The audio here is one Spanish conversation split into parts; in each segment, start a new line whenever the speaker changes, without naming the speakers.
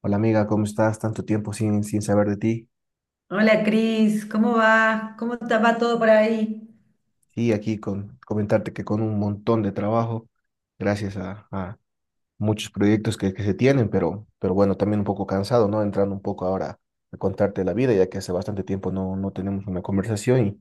Hola amiga, ¿cómo estás? Tanto tiempo sin saber de ti.
Hola Cris, ¿cómo va? ¿Cómo te va todo por ahí?
Y aquí con comentarte que con un montón de trabajo, gracias a muchos proyectos que se tienen, pero bueno, también un poco cansado, ¿no? Entrando un poco ahora a contarte la vida, ya que hace bastante tiempo no tenemos una conversación. Y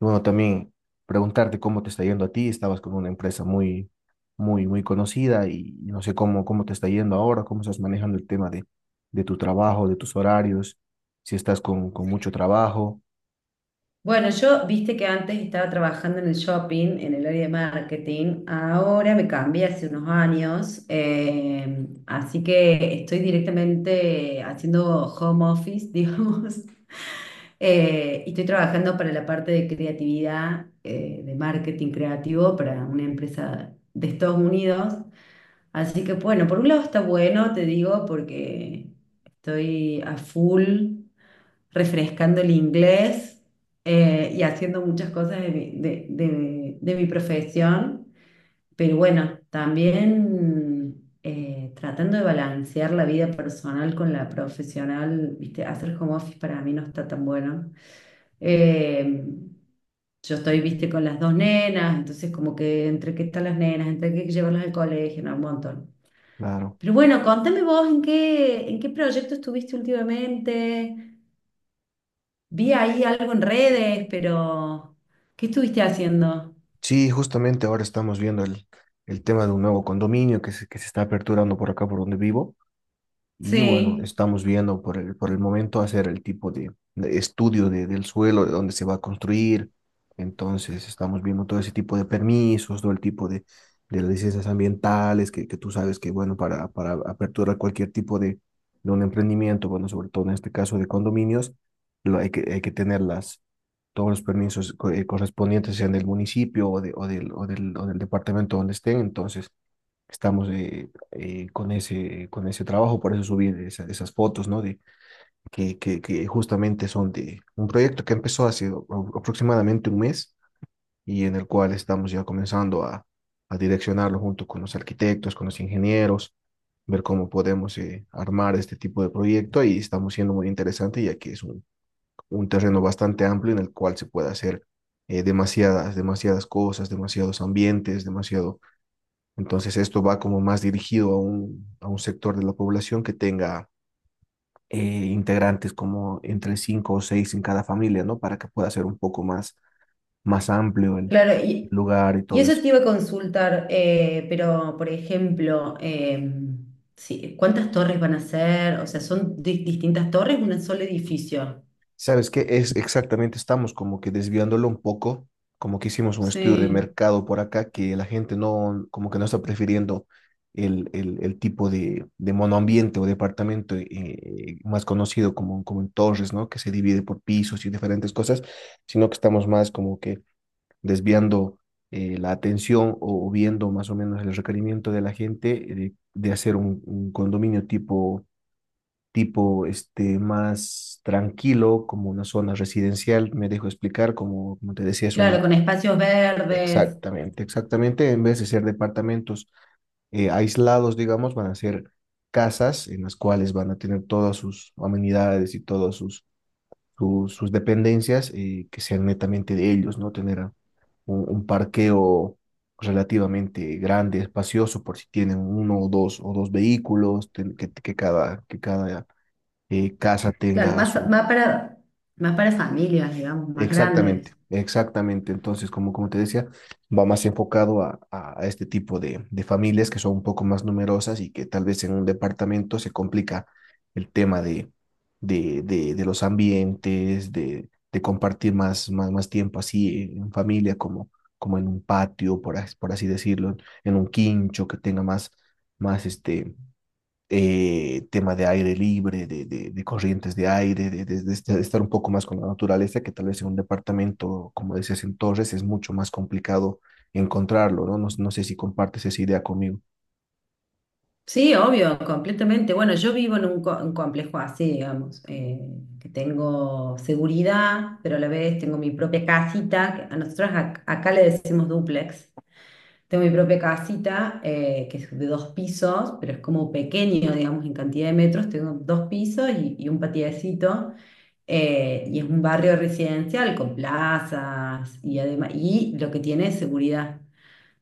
bueno, también preguntarte cómo te está yendo a ti. Estabas con una empresa muy, muy, muy conocida y no sé cómo te está yendo ahora, cómo estás manejando el tema de tu trabajo, de tus horarios, si estás con mucho trabajo.
Bueno, yo viste que antes estaba trabajando en el shopping, en el área de marketing. Ahora me cambié hace unos años, así que estoy directamente haciendo home office, digamos. Y estoy trabajando para la parte de creatividad, de marketing creativo para una empresa de Estados Unidos. Así que bueno, por un lado está bueno, te digo, porque estoy a full refrescando el inglés y haciendo muchas cosas de mi profesión. Pero bueno, también tratando de balancear la vida personal con la profesional, ¿viste? Hacer home office para mí no está tan bueno. Eh, yo estoy, viste, con las dos nenas, entonces como que entre qué están las nenas, entre qué llevarlas al colegio, no, un montón.
Claro.
Pero bueno, contame vos en qué proyecto estuviste últimamente. Vi ahí algo en redes, pero ¿qué estuviste haciendo?
Sí, justamente ahora estamos viendo el tema de un nuevo condominio que se está aperturando por acá, por donde vivo. Y bueno,
Sí.
estamos viendo por el momento hacer el tipo de estudio del suelo, de dónde se va a construir. Entonces, estamos viendo todo ese tipo de permisos, todo el tipo de licencias ambientales, que tú sabes que, bueno, para aperturar cualquier tipo de un emprendimiento, bueno, sobre todo en este caso de condominios, lo, hay que tener todos los permisos correspondientes, sean del municipio o, de, o, del, o, del, o del departamento donde estén. Entonces, estamos con con ese trabajo, por eso subí esas fotos, ¿no? De, que justamente son de un proyecto que empezó hace aproximadamente un mes y en el cual estamos ya comenzando a direccionarlo junto con los arquitectos, con los ingenieros, ver cómo podemos armar este tipo de proyecto y estamos siendo muy interesante ya que es un terreno bastante amplio en el cual se puede hacer demasiadas cosas, demasiados ambientes, demasiado, entonces esto va como más dirigido a a un sector de la población que tenga eh, integrantes como entre cinco o seis en cada familia, ¿no? Para que pueda ser un poco más, más amplio el
Claro, y,
lugar y
y
todo
eso
eso.
te iba a consultar, pero por ejemplo, sí, ¿cuántas torres van a ser? O sea, ¿son distintas torres, un solo edificio?
Sabes que es exactamente, estamos como que desviándolo un poco, como que hicimos un estudio de
Sí,
mercado por acá, que la gente no, como que no está prefiriendo el tipo de monoambiente o departamento más conocido como, como en torres, ¿no? Que se divide por pisos y diferentes cosas, sino que estamos más como que desviando la atención o viendo más o menos el requerimiento de la gente de hacer un condominio tipo, tipo este, más tranquilo, como una zona residencial, me dejo explicar, como, como te decía, es
claro,
un...
con espacios verdes,
Exactamente, exactamente, en vez de ser departamentos aislados, digamos, van a ser casas en las cuales van a tener todas sus amenidades y todas sus, sus dependencias que sean netamente de ellos, ¿no? Tener un parqueo relativamente grande, espacioso, por si tienen uno o dos vehículos, que que cada casa
claro,
tenga su.
más para familias, digamos, más
Exactamente,
grandes.
exactamente. Entonces, como, como te decía, va más enfocado a, a este tipo de familias que son un poco más numerosas y que tal vez en un departamento se complica el tema de los ambientes, de compartir más, más, más tiempo así en familia, como, como en un patio, por, por así decirlo, en un quincho que tenga más, más este tema de aire libre, de corrientes de aire, de estar un poco más con la naturaleza, que tal vez en un departamento, como decías en torres, es mucho más complicado encontrarlo, ¿no? No sé si compartes esa idea conmigo.
Sí, obvio, completamente. Bueno, yo vivo en un, un complejo así, digamos, que tengo seguridad, pero a la vez tengo mi propia casita, que a nosotros acá le decimos dúplex. Tengo mi propia casita, que es de dos pisos, pero es como pequeño, digamos, en cantidad de metros. Tengo dos pisos y un patiecito. Y es un barrio residencial con plazas y además, y lo que tiene es seguridad.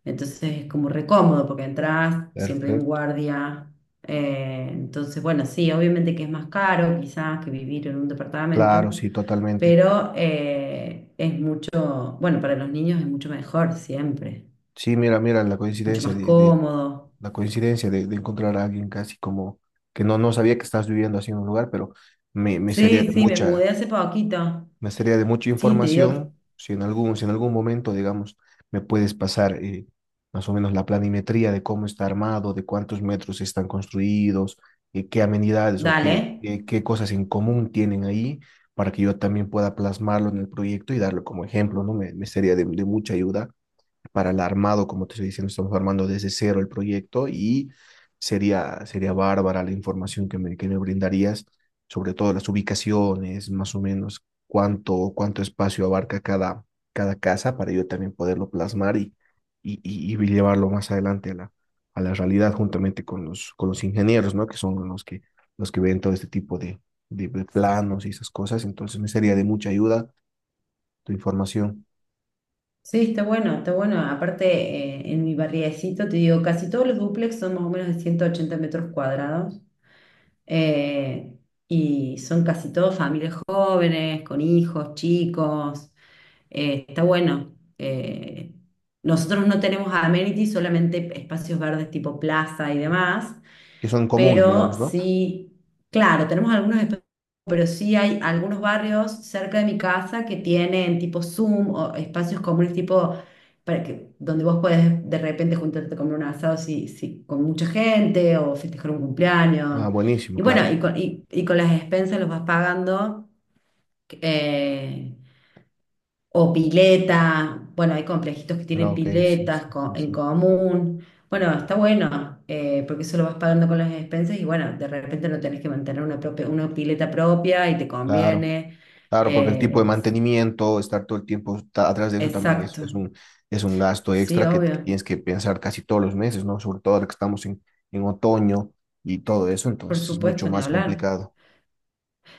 Entonces es como recómodo porque entras, siempre hay un
Perfecto.
guardia. Entonces, bueno, sí, obviamente que es más caro quizás que vivir en un departamento,
Claro, sí, totalmente.
pero es mucho, bueno, para los niños es mucho mejor siempre
Sí, mira, mira, la
mucho
coincidencia
más cómodo.
la coincidencia de encontrar a alguien casi como que no sabía que estás viviendo así en un lugar, pero me sería de
Sí, sí, me
mucha,
mudé hace poquito.
me sería de mucha
Sí, te digo que...
información. Si en algún, si en algún momento, digamos, me puedes pasar más o menos la planimetría de cómo está armado, de cuántos metros están construidos, qué amenidades o
Dale.
qué cosas en común tienen ahí, para que yo también pueda plasmarlo en el proyecto y darlo como ejemplo, ¿no? Me sería de mucha ayuda para el armado, como te estoy diciendo, estamos armando desde cero el proyecto y sería, sería bárbara la información que me brindarías, sobre todo las ubicaciones, más o menos cuánto, cuánto espacio abarca cada, cada casa para yo también poderlo plasmar y llevarlo más adelante a a la realidad juntamente con los ingenieros, ¿no? Que son los que ven todo este tipo de planos y esas cosas. Entonces me sería de mucha ayuda tu información,
Sí, está bueno, está bueno. Aparte, en mi barriecito, te digo, casi todos los dúplex son más o menos de 180 metros cuadrados. Eh, y son casi todos familias jóvenes, con hijos, chicos. Está bueno. Nosotros no tenemos amenities, solamente espacios verdes tipo plaza y demás,
que son comunes,
pero
digamos, ¿no?
sí, claro, tenemos algunos espacios, pero sí hay algunos barrios cerca de mi casa que tienen tipo Zoom o espacios comunes tipo para que, donde vos podés de repente juntarte a comer un asado con mucha gente o festejar un
Ah,
cumpleaños.
buenísimo,
Y bueno,
claro.
y con las expensas los vas pagando, eh, o pileta, bueno, hay complejitos que
No,
tienen
ok, sí, sí,
piletas
sí,
en
sí.
común. Bueno, está bueno, porque eso lo vas pagando con las expensas y bueno, de repente no tenés que mantener una propia, una pileta propia y te
Claro,
conviene.
claro, porque el tipo de
Eh,
mantenimiento, estar todo el tiempo atrás de eso también
exacto,
es un gasto
sí,
extra que
obvio,
tienes que pensar casi todos los meses, ¿no? Sobre todo ahora que estamos en otoño y todo eso,
por
entonces es mucho
supuesto, ni
más
hablar.
complicado.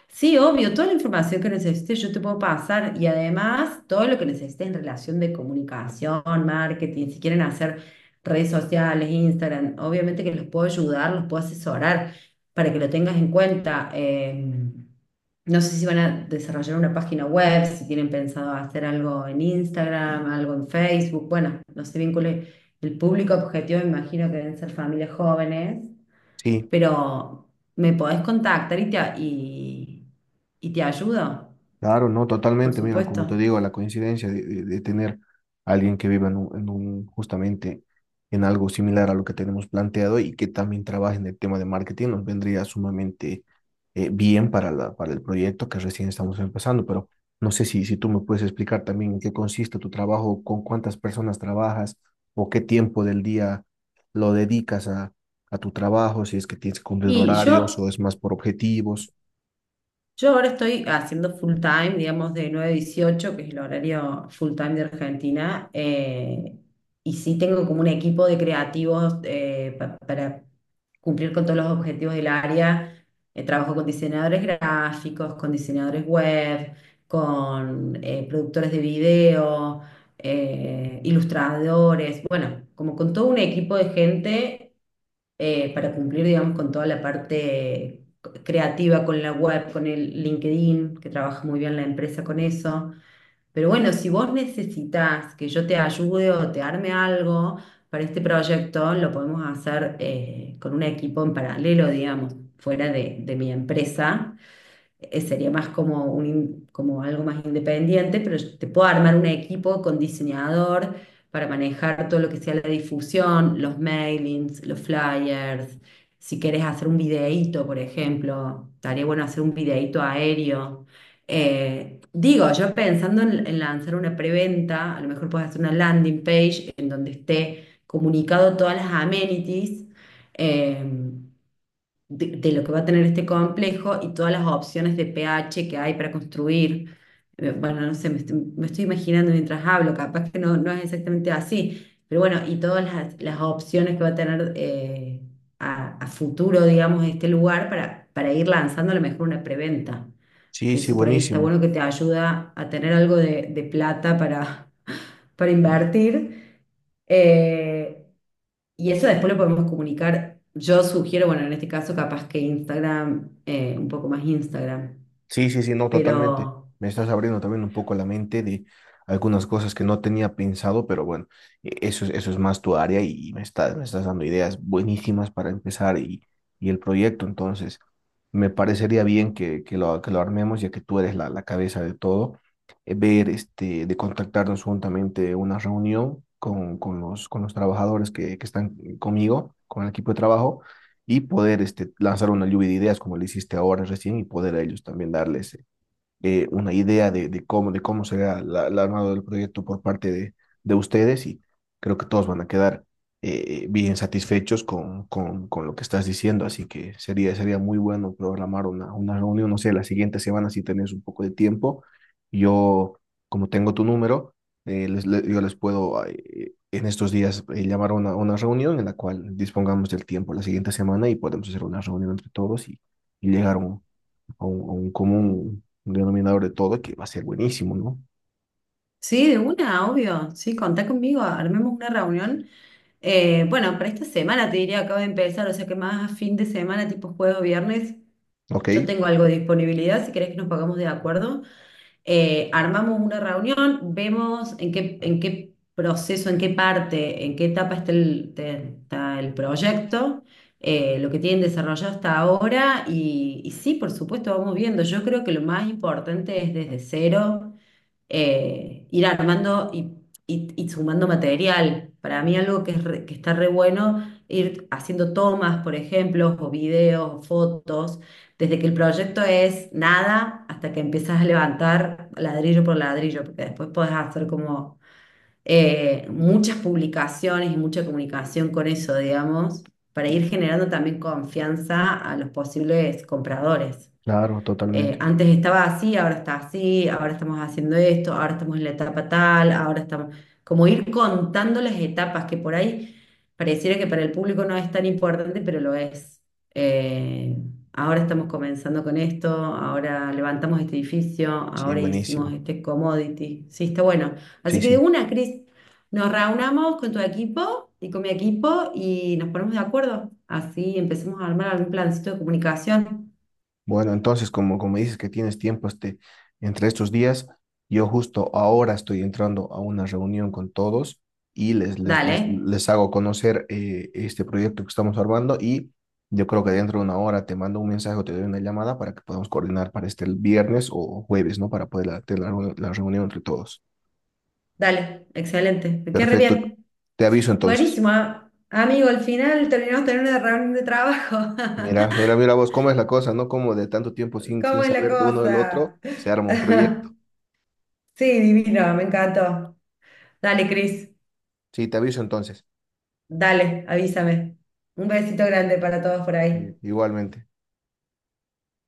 Sí, obvio, toda la información que necesites yo te puedo pasar y además todo lo que necesites en relación de comunicación, marketing, si quieren hacer redes sociales, Instagram, obviamente que los puedo ayudar, los puedo asesorar para que lo tengas en cuenta. No sé si van a desarrollar una página web, si tienen pensado hacer algo en Instagram, algo en Facebook, bueno, no sé bien el público objetivo, me imagino que deben ser familias jóvenes,
Sí,
pero me podés contactar y y te ayudo,
claro, no,
por
totalmente. Mira, como te
supuesto.
digo, la coincidencia de, de tener a alguien que viva en un, en justamente en algo similar a lo que tenemos planteado y que también trabaje en el tema de marketing nos vendría sumamente bien para para el proyecto que recién estamos empezando. Pero no sé si, si tú me puedes explicar también en qué consiste tu trabajo, con cuántas personas trabajas o qué tiempo del día lo dedicas a tu trabajo, si es que tienes que cumplir
Y
horarios
yo
o es más por objetivos.
Yo ahora estoy haciendo full time, digamos, de 9 a 18, que es el horario full time de Argentina, y sí tengo como un equipo de creativos para cumplir con todos los objetivos del área. Trabajo con diseñadores gráficos, con diseñadores web, con productores de video ilustradores, bueno, como con todo un equipo de gente para cumplir, digamos, con toda la parte creativa, con la web, con el LinkedIn, que trabaja muy bien la empresa con eso. Pero bueno, si vos necesitas que yo te ayude o te arme algo, para este proyecto lo podemos hacer con un equipo en paralelo, digamos, fuera de mi empresa. Sería más como, como algo más independiente, pero yo te puedo armar un equipo con diseñador para manejar todo lo que sea la difusión, los mailings, los flyers. Si quieres hacer un videíto, por ejemplo, estaría bueno hacer un videíto aéreo. Digo, yo pensando en lanzar una preventa, a lo mejor puedes hacer una landing page en donde esté comunicado todas las amenities eh, de lo que va a tener este complejo y todas las opciones de pH que hay para construir. Bueno, no sé, me estoy imaginando mientras hablo, capaz que no, no es exactamente así, pero bueno, y todas las opciones que va a tener a futuro, digamos, este lugar para ir lanzando a lo mejor una preventa
Sí,
que
sí,
eso por ahí está
buenísimo.
bueno que te ayuda a tener algo de plata para, para invertir. Eh, y eso después lo podemos comunicar. Yo sugiero, bueno, en este caso capaz que Instagram, un poco más Instagram.
Sí, sí, sí, no, totalmente.
Pero
Me estás abriendo también un poco la mente de algunas cosas que no tenía pensado, pero bueno, eso es más tu área y me estás dando ideas buenísimas para empezar y el proyecto. Entonces, me parecería bien que lo armemos, ya que tú eres la, la cabeza de todo, ver, este, de contactarnos juntamente una reunión con los trabajadores que están conmigo, con el equipo de trabajo y poder este, lanzar una lluvia de ideas como le hiciste ahora recién y poder a ellos también darles una idea de cómo será la, el armado del proyecto por parte de ustedes y creo que todos van a quedar bien satisfechos con lo que estás diciendo, así que sería, sería muy bueno programar una reunión, no sé, la siguiente semana si tenés un poco de tiempo. Yo, como tengo tu número, yo les puedo en estos días llamar a una reunión en la cual dispongamos del tiempo la siguiente semana y podemos hacer una reunión entre todos y llegar a un, a un, a un común denominador de todo que va a ser buenísimo, ¿no?
sí, de una, obvio. Sí, contá conmigo, armemos una reunión. Bueno, para esta semana te diría, acabo de empezar, o sea que más a fin de semana, tipo jueves o viernes,
Ok,
yo tengo algo de disponibilidad, si querés que nos pagamos de acuerdo. Armamos una reunión, vemos en qué proceso, en qué parte, en qué etapa está está el proyecto, lo que tienen desarrollado hasta ahora y sí, por supuesto, vamos viendo. Yo creo que lo más importante es desde cero ir armando y, y sumando material. Para mí algo que, que está re bueno, ir haciendo tomas, por ejemplo, o videos, o fotos, desde que el proyecto es nada hasta que empiezas a levantar ladrillo por ladrillo, porque después podés hacer como muchas publicaciones y mucha comunicación con eso, digamos, para ir generando también confianza a los posibles compradores
claro, totalmente.
antes estaba así, ahora está así, ahora estamos haciendo esto, ahora estamos en la etapa tal, ahora estamos, como ir contando las etapas que por ahí pareciera que para el público no es tan importante, pero lo es. Eh, Ahora estamos comenzando con esto, ahora levantamos este edificio,
Sí,
ahora hicimos
buenísimo.
este commodity. Sí, está bueno. Así
Sí,
que de
sí.
una, Cris, nos reunamos con tu equipo y con mi equipo y nos ponemos de acuerdo. Así empecemos a armar algún plancito de comunicación.
Bueno, entonces, como, como dices que tienes tiempo este, entre estos días, yo justo ahora estoy entrando a una reunión con todos y
Dale.
les hago conocer este proyecto que estamos armando y yo creo que dentro de una hora te mando un mensaje o te doy una llamada para que podamos coordinar para este el viernes o jueves, ¿no? Para poder tener la reunión entre todos.
Dale, excelente. Me quedé re
Perfecto.
bien.
Te aviso entonces.
Buenísimo, amigo. Al final terminamos teniendo una reunión de trabajo.
Mira, mira, mira vos cómo es la cosa, ¿no? Como de tanto tiempo sin
¿Cómo es la
saber de uno del otro,
cosa?
se arma un proyecto.
Sí, divino, me encantó. Dale, Cris.
Sí, te aviso entonces,
Dale, avísame. Un besito grande para todos por ahí.
igualmente.